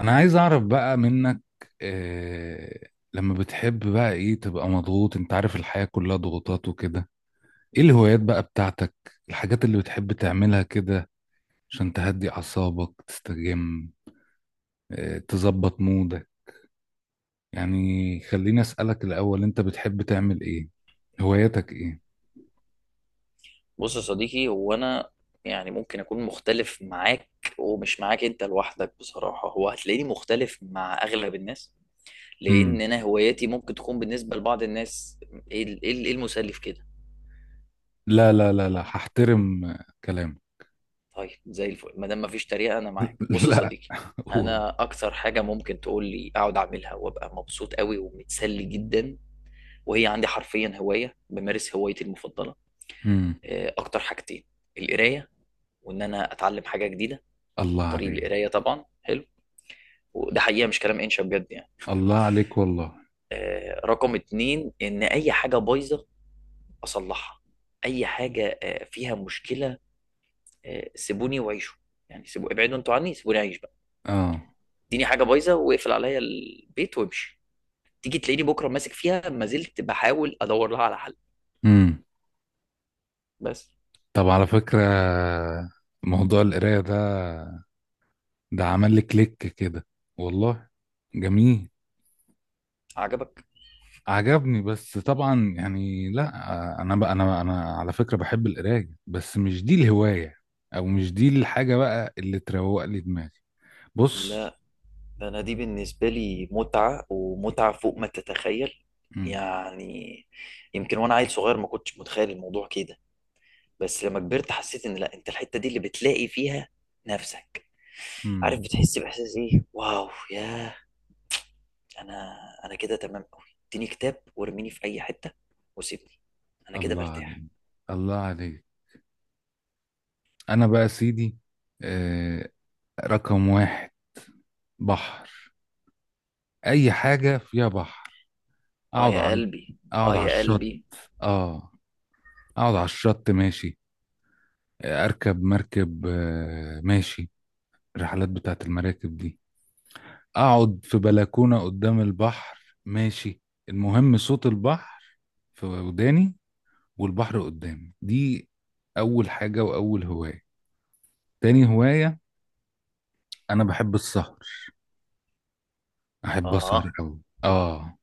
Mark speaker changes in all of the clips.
Speaker 1: انا عايز اعرف بقى منك إيه لما بتحب بقى ايه تبقى مضغوط، انت عارف الحياة كلها ضغوطات وكده. ايه الهوايات بقى بتاعتك؟ الحاجات اللي بتحب تعملها كده عشان تهدي اعصابك تستجم؟ إيه تظبط مودك؟ يعني خليني اسألك الاول، انت بتحب تعمل ايه؟ هواياتك ايه؟
Speaker 2: بص يا صديقي، هو انا يعني ممكن اكون مختلف معاك، ومش معاك انت لوحدك. بصراحه هو هتلاقيني مختلف مع اغلب الناس، لان
Speaker 1: امم.
Speaker 2: انا هواياتي ممكن تكون بالنسبه لبعض الناس ايه ال- إيه ال- إيه المسلي في كده.
Speaker 1: لا، لا، لا، لا، هحترم كلامك.
Speaker 2: طيب زي الفل ما دام مفيش تريقه انا معاك. بص يا
Speaker 1: لا.
Speaker 2: صديقي،
Speaker 1: أوه.
Speaker 2: انا اكتر حاجه ممكن تقول لي اقعد اعملها وابقى مبسوط قوي ومتسلي جدا، وهي عندي حرفيا هوايه، بمارس هوايتي المفضله.
Speaker 1: امم.
Speaker 2: اكتر حاجتين: القرايه، وان انا اتعلم حاجه جديده
Speaker 1: الله
Speaker 2: عن طريق
Speaker 1: عليك.
Speaker 2: القرايه طبعا. حلو، وده حقيقه مش كلام انشا، بجد يعني.
Speaker 1: الله عليك والله.
Speaker 2: رقم اتنين ان اي حاجه بايظه اصلحها، اي حاجه فيها مشكله. سيبوني وعيشوا، يعني سيبوا ابعدوا انتوا عني، سيبوني اعيش بقى.
Speaker 1: اه.
Speaker 2: اديني حاجه بايظه واقفل عليا البيت وامشي، تيجي تلاقيني بكره ماسك فيها ما زلت بحاول ادور لها على حل.
Speaker 1: مم.
Speaker 2: بس.
Speaker 1: طب، على فكرة، موضوع القراية ده، ده عمل لي كليك كده والله. جميل.
Speaker 2: عجبك؟
Speaker 1: عجبني، بس طبعا يعني لا، انا بقى انا على فكرة بحب القراية، بس مش دي الهواية، او مش دي الحاجة بقى اللي تروق لي دماغي. بص.
Speaker 2: لا، ده انا دي بالنسبه لي متعه، ومتعه فوق ما تتخيل
Speaker 1: مم.
Speaker 2: يعني. يمكن وانا عيل صغير ما كنتش متخيل الموضوع كده، بس لما كبرت حسيت ان لا، انت الحته دي اللي بتلاقي فيها نفسك. عارف؟
Speaker 1: مم.
Speaker 2: بتحس باحساس ايه، واو، ياه. انا، انا كده تمام قوي. اديني كتاب وارميني في اي حته وسيبني، انا كده
Speaker 1: الله عليك.
Speaker 2: مرتاح.
Speaker 1: الله عليك. انا بقى يا سيدي، آه رقم واحد: بحر. اي حاجة فيها بحر.
Speaker 2: اه
Speaker 1: اقعد
Speaker 2: يا
Speaker 1: على
Speaker 2: قلبي.
Speaker 1: اقعد
Speaker 2: اه
Speaker 1: على
Speaker 2: يا
Speaker 1: الشط.
Speaker 2: قلبي.
Speaker 1: اه اقعد على الشط ماشي، اركب مركب، ماشي. الرحلات بتاعت المراكب دي، اقعد في بلكونة قدام البحر، ماشي. المهم صوت البحر في وداني، والبحر قدامي. دي اول حاجة واول هواية. تاني هواية، انا بحب السهر. احب اسهر
Speaker 2: اه.
Speaker 1: قوي. اه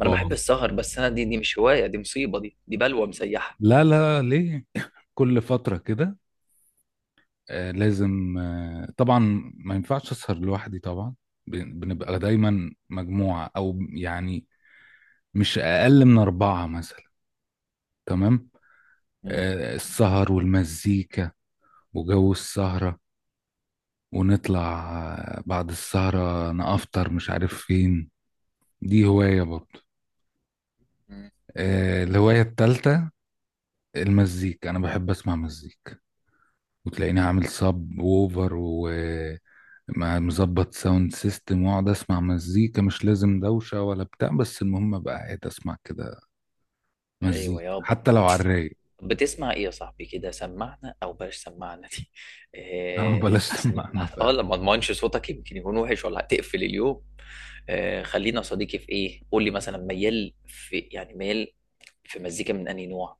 Speaker 2: ما انا بحب السهر، بس انا دي مش هوايه، دي مصيبه، دي بلوه مسيحه.
Speaker 1: لا، لا، ليه؟ كل فترة كده، لازم، طبعا. ما ينفعش اسهر لوحدي طبعا. بنبقى دايما مجموعة، او يعني مش اقل من اربعة مثلا. تمام.
Speaker 2: مم.
Speaker 1: السهر والمزيكا وجو السهرة ونطلع، بعد السهرة نافطر مش عارف فين. دي هواية برضه.
Speaker 2: مم.
Speaker 1: الهواية التالتة: المزيكا. انا بحب اسمع مزيكا، وتلاقيني عامل صب ووفر مع مظبط ساوند سيستم، واقعد اسمع مزيكا. مش لازم دوشة ولا بتاع، بس المهم ابقى قاعد اسمع كده
Speaker 2: ايوه
Speaker 1: مزيكا،
Speaker 2: يابا.
Speaker 1: حتى لو على الرايق.
Speaker 2: بتسمع ايه يا صاحبي كده؟ سمعنا، او بلاش سمعنا دي.
Speaker 1: اه، بلاش
Speaker 2: احسن.
Speaker 1: سماعنا فعلا.
Speaker 2: اه، لما اضمنش صوتك يمكن يكون وحش ولا هتقفل اليوم. خلينا يا صديقي في ايه. قول لي مثلا ميال في إيه؟ يعني ميال في مزيكا من انهي نوع؟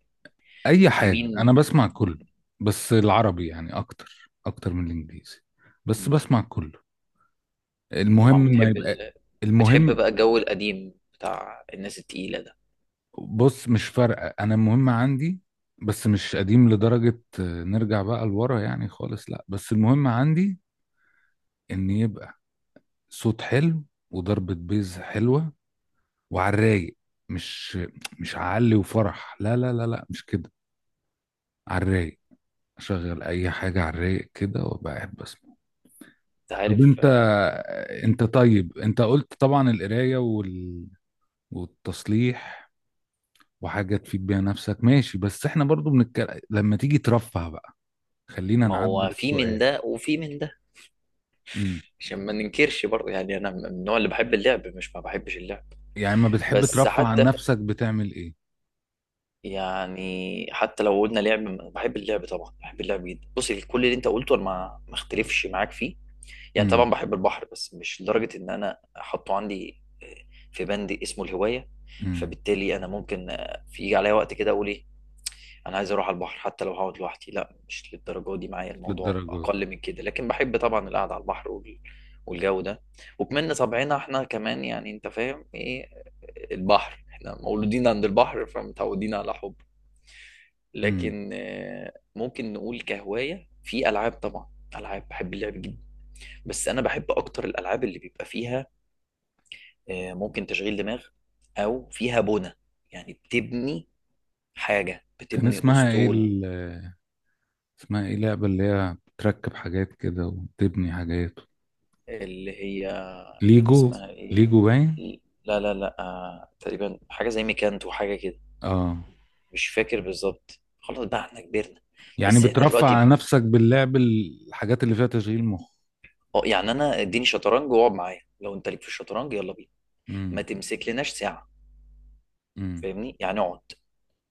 Speaker 1: اي حاجة،
Speaker 2: مين؟
Speaker 1: انا بسمع كله. بس العربي يعني اكتر اكتر من الانجليزي. بس
Speaker 2: مم.
Speaker 1: بسمع كله. المهم
Speaker 2: طبعا
Speaker 1: ما
Speaker 2: بتحب
Speaker 1: يبقى.
Speaker 2: ال... بتحب
Speaker 1: المهم،
Speaker 2: بقى الجو القديم بتاع الناس التقيلة ده؟
Speaker 1: بص، مش فارقة انا. المهم عندي، بس مش قديم لدرجة نرجع بقى لورا يعني خالص. لا، بس المهم عندي ان يبقى صوت حلو، وضربة بيز حلوة، وعلى الرايق. مش مش علي وفرح، لا لا لا لا مش كده. على الرايق. اشغل اي حاجه على الرايق كده وابقى قاعد بسمع.
Speaker 2: انت
Speaker 1: طب
Speaker 2: عارف
Speaker 1: انت، طيب، انت قلت طبعا القرايه والتصليح، وحاجه تفيد بيها نفسك، ماشي. بس احنا برضو بنتكلم لما تيجي ترفه بقى. خلينا
Speaker 2: ما
Speaker 1: نعدل
Speaker 2: هو في من
Speaker 1: السؤال.
Speaker 2: ده وفي من ده،
Speaker 1: امم.
Speaker 2: عشان ما ننكرش برضه. يعني انا من النوع اللي بحب اللعب، مش ما بحبش اللعب.
Speaker 1: يعني، ما بتحب
Speaker 2: بس
Speaker 1: ترفه عن
Speaker 2: حتى
Speaker 1: نفسك، بتعمل ايه؟
Speaker 2: يعني حتى لو قلنا لعب، بحب اللعب طبعا، بحب اللعب جدا. بصي، كل اللي انت قلته انا ما اختلفش معاك فيه. يعني طبعا
Speaker 1: امم.
Speaker 2: بحب البحر، بس مش لدرجه ان انا احطه عندي في بند اسمه الهوايه.
Speaker 1: امم.
Speaker 2: فبالتالي انا ممكن في يجي عليا وقت كده اقول ايه، انا عايز اروح على البحر، حتى لو هقعد لوحدي. لا، مش للدرجه دي معايا الموضوع،
Speaker 1: للدرجات دي.
Speaker 2: اقل من كده، لكن بحب طبعا القعده على البحر والجو ده. وكمان طبعنا احنا كمان، يعني انت فاهم ايه، البحر، احنا مولودين عند البحر فمتعودين على حب.
Speaker 1: امم.
Speaker 2: لكن ممكن نقول كهواية، في ألعاب طبعا. ألعاب بحب اللعب جدا، بس أنا بحب أكتر الألعاب اللي بيبقى فيها ممكن تشغيل دماغ، أو فيها بنى، يعني بتبني حاجة،
Speaker 1: كان
Speaker 2: بتبني
Speaker 1: اسمها ايه
Speaker 2: أسطول.
Speaker 1: اسمها ايه لعبة اللي هي بتركب حاجات كده وتبني حاجات؟
Speaker 2: اللي هي، كان
Speaker 1: ليجو.
Speaker 2: اسمها إيه؟
Speaker 1: ليجو باين.
Speaker 2: لا لا لا، تقريبا حاجة زي ميكانتو وحاجة كده.
Speaker 1: اه،
Speaker 2: مش فاكر بالظبط، خلاص بقى احنا كبرنا.
Speaker 1: يعني
Speaker 2: بس احنا
Speaker 1: بترفع على
Speaker 2: دلوقتي،
Speaker 1: نفسك باللعب الحاجات اللي فيها تشغيل مخ.
Speaker 2: اه يعني انا اديني شطرنج واقعد معايا، لو انت ليك في الشطرنج يلا بينا. ما
Speaker 1: امم.
Speaker 2: تمسك لناش ساعة.
Speaker 1: امم.
Speaker 2: فاهمني؟ يعني اقعد،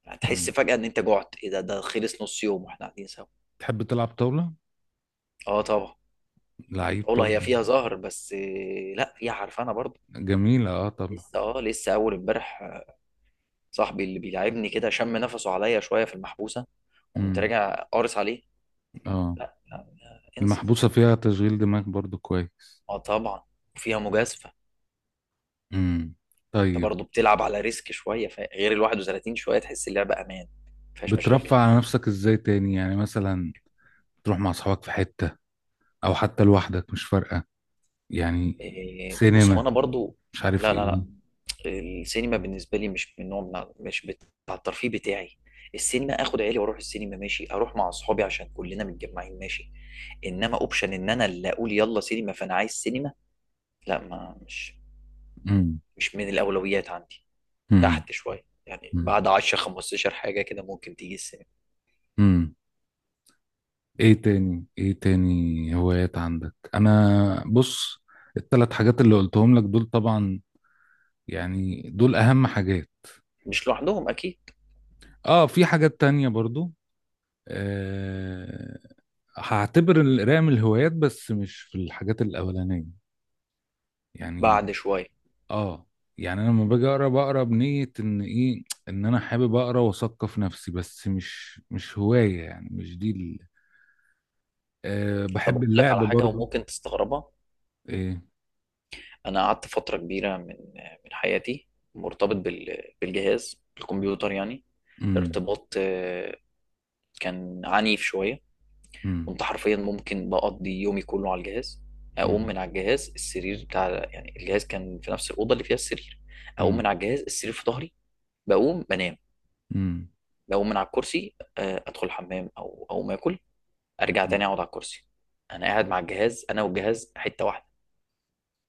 Speaker 2: هتحس
Speaker 1: امم.
Speaker 2: فجأة ان انت جعت، ايه ده، ده خلص نص يوم واحنا قاعدين سوا.
Speaker 1: تحب تلعب طاولة؟
Speaker 2: اه طبعا.
Speaker 1: لعيب
Speaker 2: اولا
Speaker 1: طاولة.
Speaker 2: هي فيها زهر، بس لا، فيها عرفانة برضه.
Speaker 1: جميلة. اه طبعا.
Speaker 2: لسه، اه لسه اول امبارح صاحبي اللي بيلعبني كده شم نفسه عليا شوية في المحبوسة، قمت
Speaker 1: امم.
Speaker 2: راجع قارص عليه.
Speaker 1: اه،
Speaker 2: لا لا لا، انسى.
Speaker 1: المحبوسة فيها تشغيل دماغ برضو كويس.
Speaker 2: اه طبعا، وفيها مجازفة.
Speaker 1: امم.
Speaker 2: انت
Speaker 1: طيب.
Speaker 2: برضه بتلعب على ريسك شوية. غير ال 31، شوية تحس اللعبة امان مفيهاش
Speaker 1: بترفع
Speaker 2: مشاكل.
Speaker 1: على نفسك ازاي تاني؟ يعني مثلا تروح مع اصحابك في حتة، او حتى لوحدك مش فارقة، يعني
Speaker 2: بص هو
Speaker 1: سينما،
Speaker 2: انا برضه،
Speaker 1: مش عارف
Speaker 2: لا لا،
Speaker 1: ايه.
Speaker 2: السينما بالنسبه لي مش من نوع، مش بتاع الترفيه بتاعي. السينما اخد عيالي واروح السينما ماشي، اروح مع اصحابي عشان كلنا متجمعين ماشي، انما اوبشن ان انا اللي اقول يلا سينما فانا عايز سينما، لا ما مش،
Speaker 1: مم.
Speaker 2: مش من الاولويات عندي،
Speaker 1: مم.
Speaker 2: تحت شويه. يعني
Speaker 1: مم.
Speaker 2: بعد 10 15 حاجه كده ممكن تيجي السينما.
Speaker 1: مم. ايه تاني هوايات عندك؟ انا، بص، الثلاث حاجات اللي قلتهم لك دول طبعا، يعني دول اهم حاجات.
Speaker 2: مش لوحدهم اكيد.
Speaker 1: اه، في حاجات تانية برضو. أه هعتبر القراءة من الهوايات، بس مش في الحاجات الاولانية يعني.
Speaker 2: بعد شويه.
Speaker 1: اه، يعني انا لما باجي اقرا بقرا بنية ان ايه، ان انا حابب اقرا واثقف نفسي. بس مش هواية يعني، مش دي
Speaker 2: طب
Speaker 1: بحب
Speaker 2: اقول لك
Speaker 1: اللعب
Speaker 2: على حاجه
Speaker 1: برضو.
Speaker 2: وممكن تستغربها.
Speaker 1: ايه؟
Speaker 2: انا قعدت فتره كبيره من حياتي مرتبط بالجهاز الكمبيوتر يعني،
Speaker 1: امم.
Speaker 2: ارتباط كان عنيف شوية.
Speaker 1: امم.
Speaker 2: كنت حرفيا ممكن بقضي يومي كله على الجهاز، أقوم
Speaker 1: امم.
Speaker 2: من على الجهاز السرير بتاع، يعني الجهاز كان في نفس الأوضة اللي فيها السرير. أقوم
Speaker 1: امم.
Speaker 2: من على الجهاز السرير في ظهري، بقوم بنام. بقوم من على الكرسي أدخل الحمام أو أقوم آكل، أرجع تاني
Speaker 1: امم.
Speaker 2: أقعد على الكرسي. أنا قاعد مع الجهاز، أنا والجهاز حتة واحدة،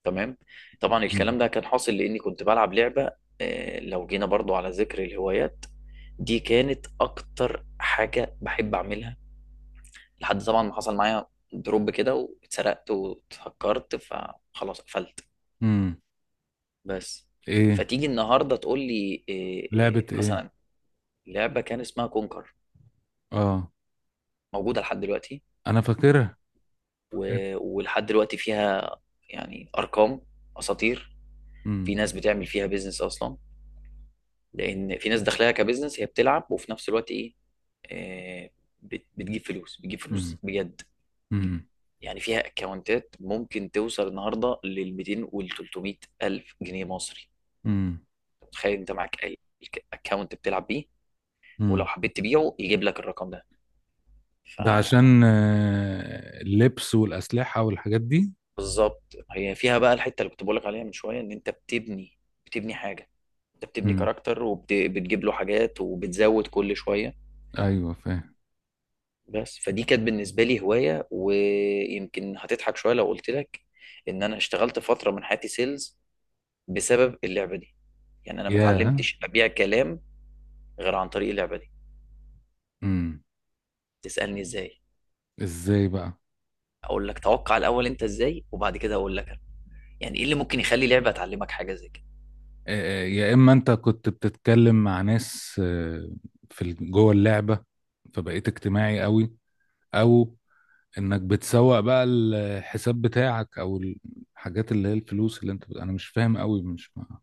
Speaker 2: تمام. طبعا الكلام
Speaker 1: امم.
Speaker 2: ده كان حاصل لأني كنت بلعب لعبة. لو جينا برضو على ذكر الهوايات، دي كانت أكتر حاجة بحب أعملها، لحد طبعا ما حصل معايا دروب كده، واتسرقت واتهكرت فخلاص قفلت.
Speaker 1: امم.
Speaker 2: بس.
Speaker 1: ايه؟
Speaker 2: فتيجي النهارده تقول لي إيه؟
Speaker 1: لعبة ايه؟
Speaker 2: مثلا لعبه كان اسمها كونكر،
Speaker 1: اه،
Speaker 2: موجوده لحد دلوقتي.
Speaker 1: انا فاكرها. فاكرها.
Speaker 2: ولحد دلوقتي فيها يعني ارقام اساطير. في
Speaker 1: امم.
Speaker 2: ناس بتعمل فيها بيزنس اصلا، لان في ناس داخلها كبيزنس، هي بتلعب وفي نفس الوقت ايه، إيه، بتجيب فلوس، بتجيب
Speaker 1: امم.
Speaker 2: فلوس بجد.
Speaker 1: امم.
Speaker 2: يعني فيها اكونتات ممكن توصل النهارده لل 200 وال 300 الف جنيه مصري.
Speaker 1: امم.
Speaker 2: تخيل انت معاك اي اكونت بتلعب بيه،
Speaker 1: امم.
Speaker 2: ولو حبيت تبيعه يجيب لك الرقم ده.
Speaker 1: ده عشان، اللبس والأسلحة والحاجات دي.
Speaker 2: فبالظبط هي فيها بقى الحته اللي كنت بقول لك عليها من شويه، ان انت بتبني، بتبني حاجه. انت بتبني
Speaker 1: امم.
Speaker 2: كاركتر وبتجيب له حاجات وبتزود كل شويه.
Speaker 1: ايوه فاهم.
Speaker 2: بس فدي كانت بالنسبه لي هوايه. ويمكن هتضحك شويه لو قلت لك ان انا اشتغلت فتره من حياتي سيلز بسبب اللعبه دي. يعني انا ما
Speaker 1: يا.
Speaker 2: اتعلمتش ابيع كلام غير عن طريق اللعبه دي.
Speaker 1: امم.
Speaker 2: تسالني ازاي؟
Speaker 1: ازاي بقى؟
Speaker 2: اقول لك، توقع الاول انت ازاي، وبعد كده اقول لك يعني ايه اللي ممكن يخلي لعبه تعلمك حاجه زي كده.
Speaker 1: يا اما انت كنت بتتكلم مع ناس، في جوه اللعبة، فبقيت اجتماعي قوي. او انك بتسوق بقى الحساب بتاعك، او الحاجات اللي هي الفلوس اللي انت انا مش فاهم قوي،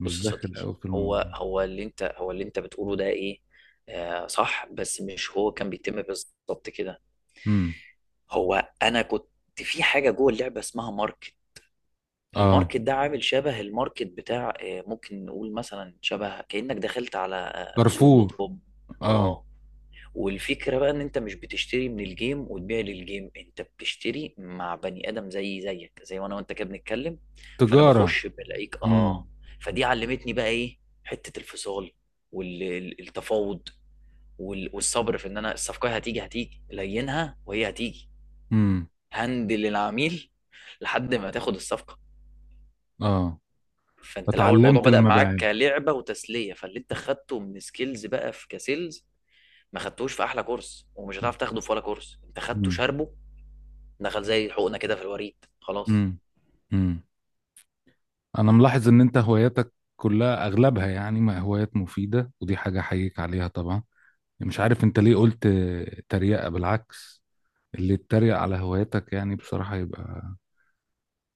Speaker 1: مش
Speaker 2: يا
Speaker 1: داخل
Speaker 2: صديقي،
Speaker 1: قوي في الموضوع.
Speaker 2: هو اللي انت بتقوله ده ايه، آه صح، بس مش هو كان بيتم بالظبط كده.
Speaker 1: امم.
Speaker 2: هو انا كنت في حاجه جوه اللعبه اسمها ماركت.
Speaker 1: اه،
Speaker 2: الماركت ده عامل شبه الماركت بتاع ممكن نقول مثلا شبه كانك دخلت على سوق دوت
Speaker 1: كارفور.
Speaker 2: كوم.
Speaker 1: اه،
Speaker 2: اه. والفكرة بقى ان انت مش بتشتري من الجيم وتبيع للجيم، انت بتشتري مع بني ادم زي زيك، زي وانا وانت كده بنتكلم. فانا
Speaker 1: تجارة.
Speaker 2: بخش بلاقيك،
Speaker 1: امم.
Speaker 2: اه. فدي علمتني بقى ايه، حتة الفصال والتفاوض والصبر في ان انا الصفقة هتيجي لينها وهي هتيجي.
Speaker 1: امم.
Speaker 2: هندل العميل لحد ما تاخد الصفقة.
Speaker 1: اه،
Speaker 2: فانت الاول الموضوع
Speaker 1: اتعلمت
Speaker 2: بدأ معاك
Speaker 1: المبيعات.
Speaker 2: كلعبة وتسلية، فاللي انت خدته من سكيلز بقى في كسيلز ما خدتوش في احلى كورس، ومش هتعرف تاخده في ولا كورس، انت خدته
Speaker 1: امم.
Speaker 2: شاربه، دخل زي حقنة كده في الوريد، خلاص.
Speaker 1: امم. امم. انا ملاحظ ان انت هواياتك كلها، اغلبها يعني، ما هوايات مفيدة، ودي حاجة احييك عليها طبعا. مش عارف انت ليه قلت تريقة. بالعكس، اللي يتريق على هواياتك يعني بصراحة يبقى،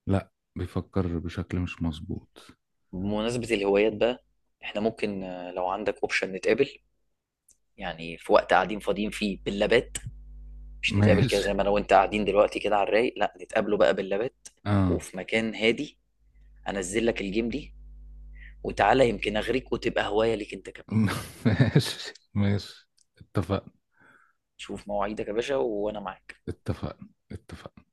Speaker 1: لا، بيفكر بشكل مش مظبوط.
Speaker 2: بمناسبة الهوايات بقى، احنا ممكن لو عندك اوبشن نتقابل، يعني في وقت قاعدين فاضيين فيه باللابات. مش نتقابل كده
Speaker 1: ماشي.
Speaker 2: زي ما انا وانت قاعدين دلوقتي كده على الرايق، لا نتقابله بقى باللابات
Speaker 1: اه.
Speaker 2: وفي مكان هادي، انزل لك الجيم دي، وتعالى يمكن اغريك وتبقى هواية ليك انت كمان.
Speaker 1: ماشي، ماشي. اتفقنا.
Speaker 2: شوف مواعيدك يا باشا وانا معاك.
Speaker 1: اتفقنا. اتفقنا.